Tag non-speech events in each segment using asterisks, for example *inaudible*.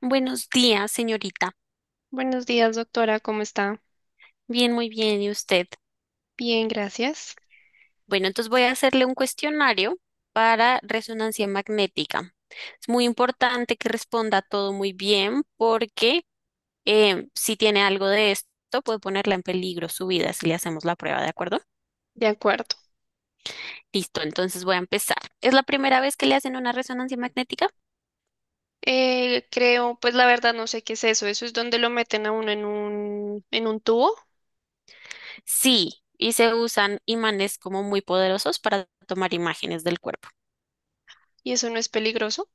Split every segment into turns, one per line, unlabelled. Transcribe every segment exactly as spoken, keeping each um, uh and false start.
Buenos días, señorita.
Buenos días, doctora, ¿cómo está?
Bien, muy bien. ¿Y usted?
Bien, gracias.
Bueno, entonces voy a hacerle un cuestionario para resonancia magnética. Es muy importante que responda todo muy bien porque eh, si tiene algo de esto, puede ponerla en peligro su vida si le hacemos la prueba, ¿de acuerdo?
De acuerdo.
Listo, entonces voy a empezar. ¿Es la primera vez que le hacen una resonancia magnética?
Eh, creo, pues la verdad no sé qué es eso. Eso es donde lo meten a uno en un, en un tubo
Sí, y se usan imanes como muy poderosos para tomar imágenes del cuerpo.
y eso no es peligroso.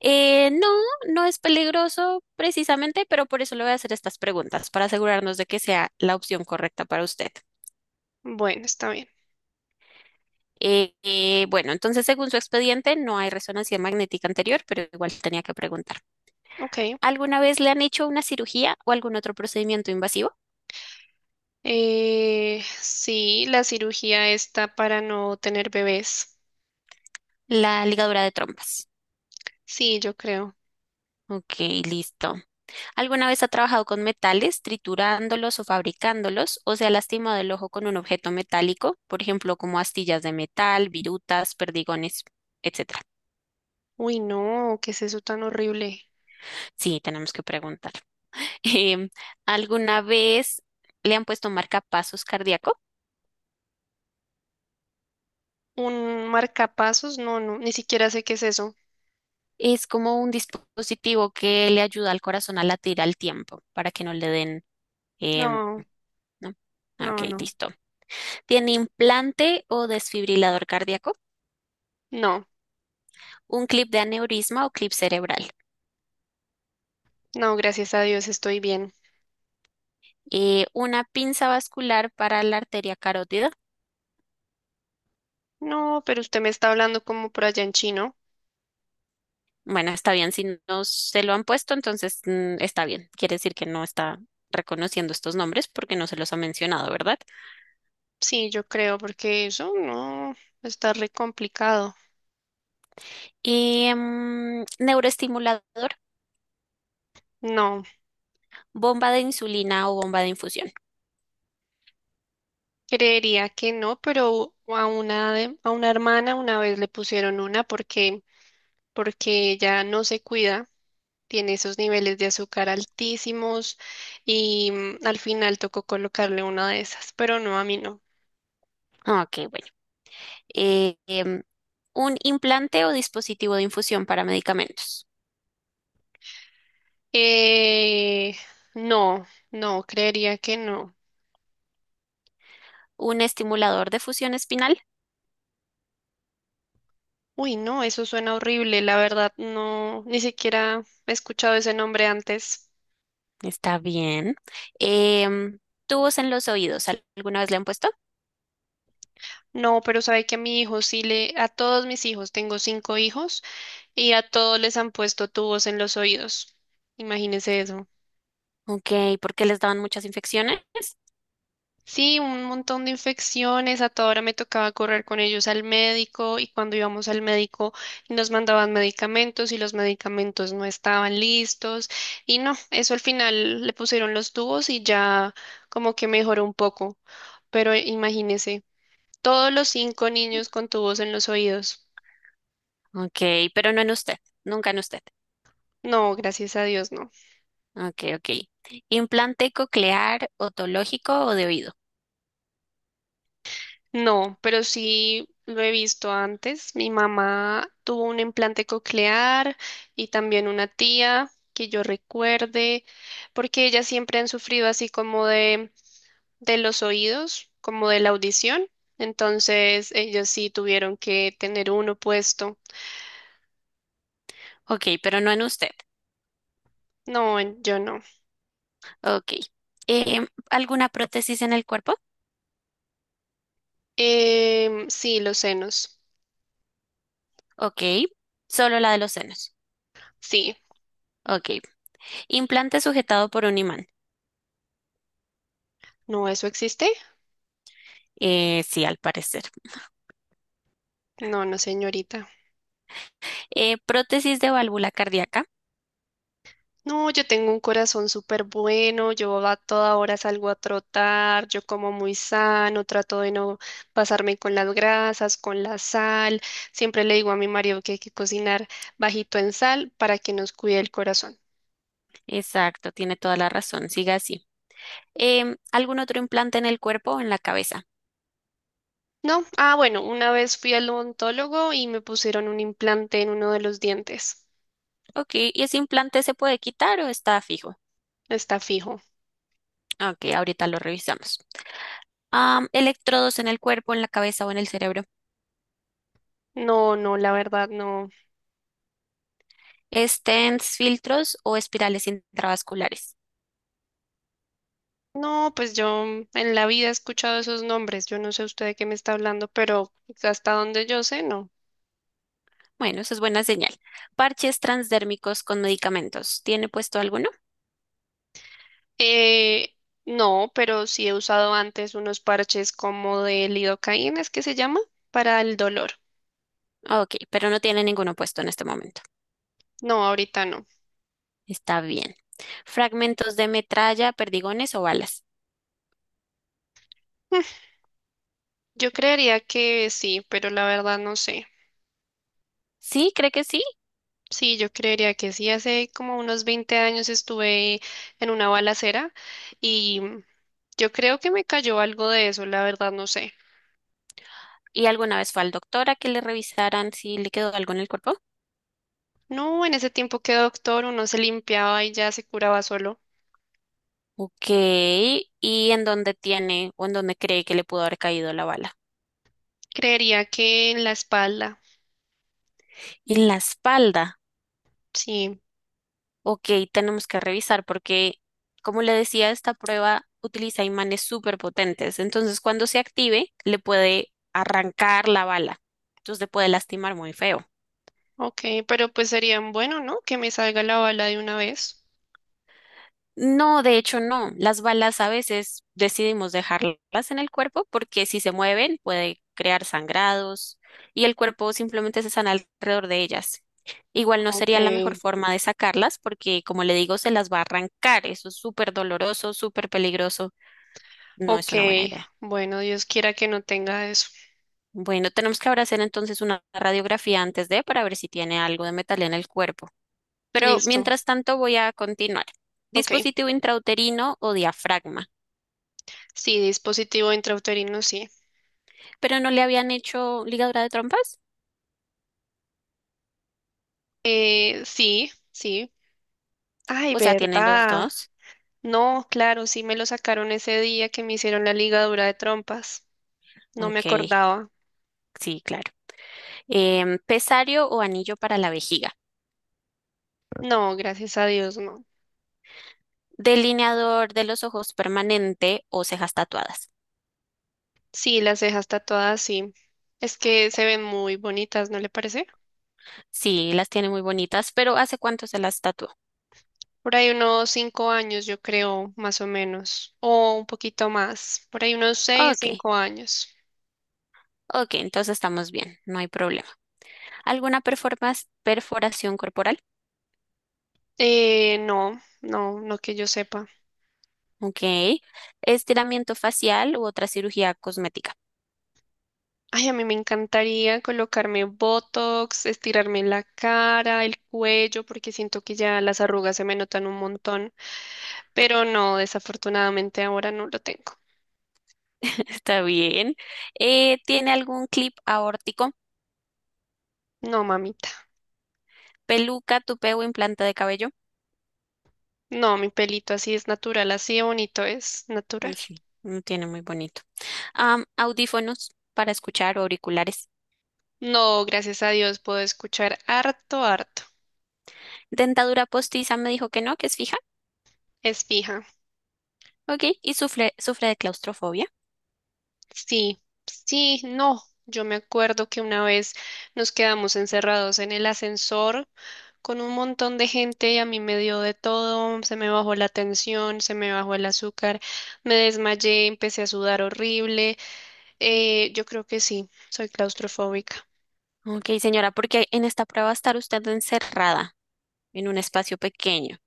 Eh, no, no es peligroso precisamente, pero por eso le voy a hacer estas preguntas, para asegurarnos de que sea la opción correcta para usted.
Bueno, está bien.
Eh, eh, bueno, entonces, según su expediente, no hay resonancia magnética anterior, pero igual tenía que preguntar.
Ok.
¿Alguna vez le han hecho una cirugía o algún otro procedimiento invasivo?
Eh, sí, la cirugía está para no tener bebés.
La ligadura de trompas.
Sí, yo creo.
Ok, listo. ¿Alguna vez ha trabajado con metales, triturándolos o fabricándolos, o se ha lastimado el ojo con un objeto metálico, por ejemplo, como astillas de metal, virutas, perdigones, etcétera?
Uy, no, ¿qué es eso tan horrible?
Sí, tenemos que preguntar. *laughs* Em, ¿alguna vez le han puesto marcapasos cardíaco?
¿Un marcapasos? No, no, ni siquiera sé qué es eso.
Es como un dispositivo que le ayuda al corazón a latir al tiempo para que no le den, em,
No,
¿no?
no,
Ok,
no.
listo. ¿Tiene implante o desfibrilador cardíaco?
No,
¿Un clip de aneurisma o clip cerebral?
no, gracias a Dios estoy bien.
Eh, una pinza vascular para la arteria carótida.
No, pero usted me está hablando como por allá en chino.
Bueno, está bien, si no se lo han puesto, entonces mm, está bien. Quiere decir que no está reconociendo estos nombres porque no se los ha mencionado, ¿verdad?
Sí, yo creo, porque eso no está re complicado.
Em, neuroestimulador,
No,
bomba de insulina o bomba de infusión.
creería que no, pero a una de- a una hermana una vez le pusieron una porque porque ella no se cuida, tiene esos niveles de azúcar altísimos y mm, al final tocó colocarle una de esas, pero no, a mí no.
Ah, Ok, bueno. Eh, em, un implante o dispositivo de infusión para medicamentos.
Eh, no, no, creería que no.
Un estimulador de fusión espinal.
Uy, no, eso suena horrible, la verdad, no, ni siquiera he escuchado ese nombre antes.
Está bien. Em, Tubos en los oídos. ¿Alguna vez le han puesto?
No, pero sabe que a mi hijo sí le, a todos mis hijos, tengo cinco hijos, y a todos les han puesto tubos en los oídos. Imagínese eso.
Ok, ¿por qué les daban muchas infecciones?
Sí, un montón de infecciones. A toda hora me tocaba correr con ellos al médico y cuando íbamos al médico nos mandaban medicamentos y los medicamentos no estaban listos. Y no, eso al final le pusieron los tubos y ya como que mejoró un poco. Pero imagínese, todos los cinco niños con tubos en los oídos.
Ok, pero no en usted, nunca en usted.
No, gracias a Dios, no.
Ok, ok. ¿Implante coclear, otológico o de oído?
No, pero sí lo he visto antes. Mi mamá tuvo un implante coclear y también una tía que yo recuerde, porque ellas siempre han sufrido así como de, de los oídos, como de la audición. Entonces, ellos sí tuvieron que tener uno puesto.
Ok, pero no en usted.
No, en- yo no.
Ok. Em, ¿alguna prótesis en el cuerpo?
Em, sí, los senos.
Ok. Solo la de los senos.
Sí.
Ok. Implante sujetado por un imán.
No, ¿eso existe?
Eh, sí, al parecer.
No, no, señorita.
Eh, prótesis de válvula cardíaca.
No, yo tengo un corazón súper bueno, yo a toda hora salgo a trotar, yo como muy sano, trato de no pasarme con las grasas, con la sal. Siempre le digo a mi marido que hay que cocinar bajito en sal para que nos cuide el corazón.
Exacto, tiene toda la razón. Siga así. Em, algún otro implante en el cuerpo o en la cabeza.
No, ah, bueno, una vez fui al odontólogo y me pusieron un implante en uno de los dientes.
Ok, ¿y ese implante se puede quitar o está fijo?
Está fijo.
Ok, ahorita lo revisamos. Am, electrodos en el cuerpo, en la cabeza o en el cerebro.
No, no, la verdad no.
Stents, filtros o espirales intravasculares.
No, pues yo en la vida he escuchado esos nombres. Yo no sé usted de qué me está hablando, pero hasta donde yo sé, no.
Bueno, eso es buena señal. Parches transdérmicos con medicamentos. ¿Tiene puesto alguno?
Eh, no, pero sí he usado antes unos parches como de lidocaína, ¿es que se llama? Para el dolor.
Ok, pero no tiene ninguno puesto en este momento.
No, ahorita no. *laughs*
Está bien. Fragmentos de metralla, perdigones o balas.
Mm, yo creería que sí, pero la verdad no sé.
Sí, cree que sí.
Sí, yo creería que sí. Hace como unos veinte años estuve en una balacera y yo creo que me cayó algo de eso, la verdad no sé.
¿Y alguna vez fue al doctor a que le revisaran si le quedó algo en el cuerpo?
No, en ese tiempo que doctor uno se limpiaba y ya se curaba solo.
Ok, ¿y en dónde tiene o en dónde cree que le pudo haber caído la bala?
Creería que en la espalda,
En la espalda.
sí.
Ok, tenemos que revisar porque, como le decía, esta prueba utiliza imanes súper potentes. Entonces, cuando se active, le puede arrancar la bala. Entonces, le puede lastimar muy feo.
Ok, pero pues sería bueno, ¿no? Que me salga la bala de una vez.
No, de hecho no. Las balas a veces decidimos dejarlas en el cuerpo porque si se mueven puede crear sangrados y el cuerpo simplemente se sana alrededor de ellas. Igual no
Ok,
sería la mejor forma de sacarlas porque, como le digo, se las va a arrancar. Eso es súper doloroso, súper peligroso. No es
ok.
una buena idea.
Bueno, Dios quiera que no tenga eso.
Bueno, tenemos que ahora hacer entonces una radiografía antes de para ver si tiene algo de metal en el cuerpo. Pero
Listo.
mientras tanto voy a continuar.
Ok.
Dispositivo intrauterino o diafragma.
Sí, dispositivo intrauterino, sí.
Pero no le habían hecho ligadura de trompas.
Eh, sí, sí. Ay,
O sea, tiene los
verdad.
dos.
No, claro, sí me lo sacaron ese día que me hicieron la ligadura de trompas. No me
Ok,
acordaba.
sí, claro. Em, pesario o anillo para la vejiga.
No, gracias a Dios, no.
Delineador de los ojos permanente o cejas tatuadas.
Sí, las cejas tatuadas, sí. Es que se ven muy bonitas, ¿no le parece?
Sí, las tiene muy bonitas, pero ¿hace cuánto se las tatuó?
Por ahí unos cinco años, yo creo, más o menos, o un poquito más, por ahí unos seis,
Ok,
cinco años.
ok, entonces estamos bien, no hay problema. ¿Alguna performas- perforación corporal?
Eh, no, no, no que yo sepa.
Ok. Estiramiento facial u otra cirugía cosmética.
Ay, a mí me encantaría colocarme Botox, estirarme la cara, el cuello, porque siento que ya las arrugas se me notan un montón, pero no, desafortunadamente ahora no lo tengo.
*laughs* Está bien. Eh, ¿tiene algún clip aórtico?
No, mamita,
Peluca, tupé o implante de cabello.
no, mi pelito así es natural, así de bonito es
Mm,
natural.
sí, no tiene muy bonito. Am, audífonos para escuchar o auriculares.
No, gracias a Dios puedo escuchar harto, harto.
Dentadura postiza me dijo que no, que es fija.
Es fija.
Ok, y sufre, sufre de claustrofobia.
Sí, sí, no. Yo me acuerdo que una vez nos quedamos encerrados en el ascensor con un montón de gente y a mí me dio de todo, se me bajó la tensión, se me bajó el azúcar, me desmayé, empecé a sudar horrible. Eh, yo creo que sí, soy claustrofóbica.
Ok, señora, porque en esta prueba va a estar usted encerrada en un espacio pequeño.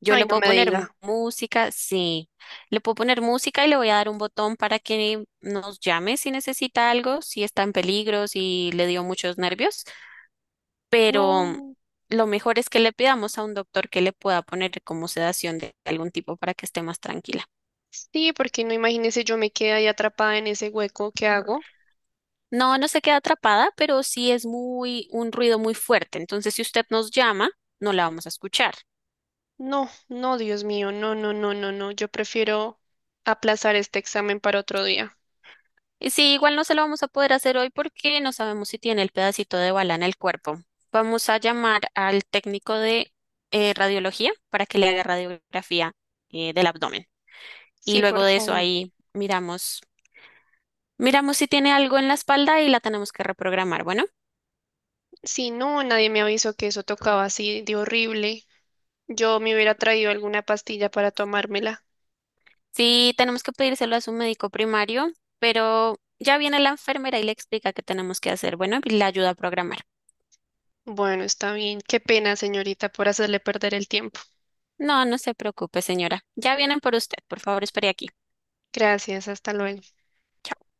Yo
Ay,
le
no
puedo
me
poner mu-
diga.
música, sí. Le puedo poner música y le voy a dar un botón para que nos llame si necesita algo, si está en peligro, si le dio muchos nervios. Pero
No,
lo mejor es que le pidamos a un doctor que le pueda poner como sedación de algún tipo para que esté más tranquila.
sí, porque no imagínese yo me quedé ahí atrapada en ese hueco, ¿qué hago?
No, no se queda atrapada, pero sí es muy, un ruido muy fuerte. Entonces, si usted nos llama, no la vamos a escuchar.
No, no, Dios mío, no, no, no, no, no. Yo prefiero aplazar este examen para otro día.
Y sí, igual no se lo vamos a poder hacer hoy porque no sabemos si tiene el pedacito de bala en el cuerpo. Vamos a llamar al técnico de eh, radiología para que le haga radiografía eh, del abdomen. Y
Sí,
luego
por
de eso
favor.
ahí miramos, miramos si tiene algo en la espalda y la tenemos que reprogramar. Bueno,
Si no, nadie me avisó que eso tocaba así de horrible. Yo me hubiera traído alguna pastilla para tomármela.
sí tenemos que pedírselo a su médico primario, pero ya viene la enfermera y le explica qué tenemos que hacer. Bueno, y le ayuda a programar.
Bueno, está bien. Qué pena, señorita, por hacerle perder el tiempo.
No, no se preocupe, señora. Ya vienen por usted. Por favor, espere aquí.
Gracias, hasta luego.
Chao.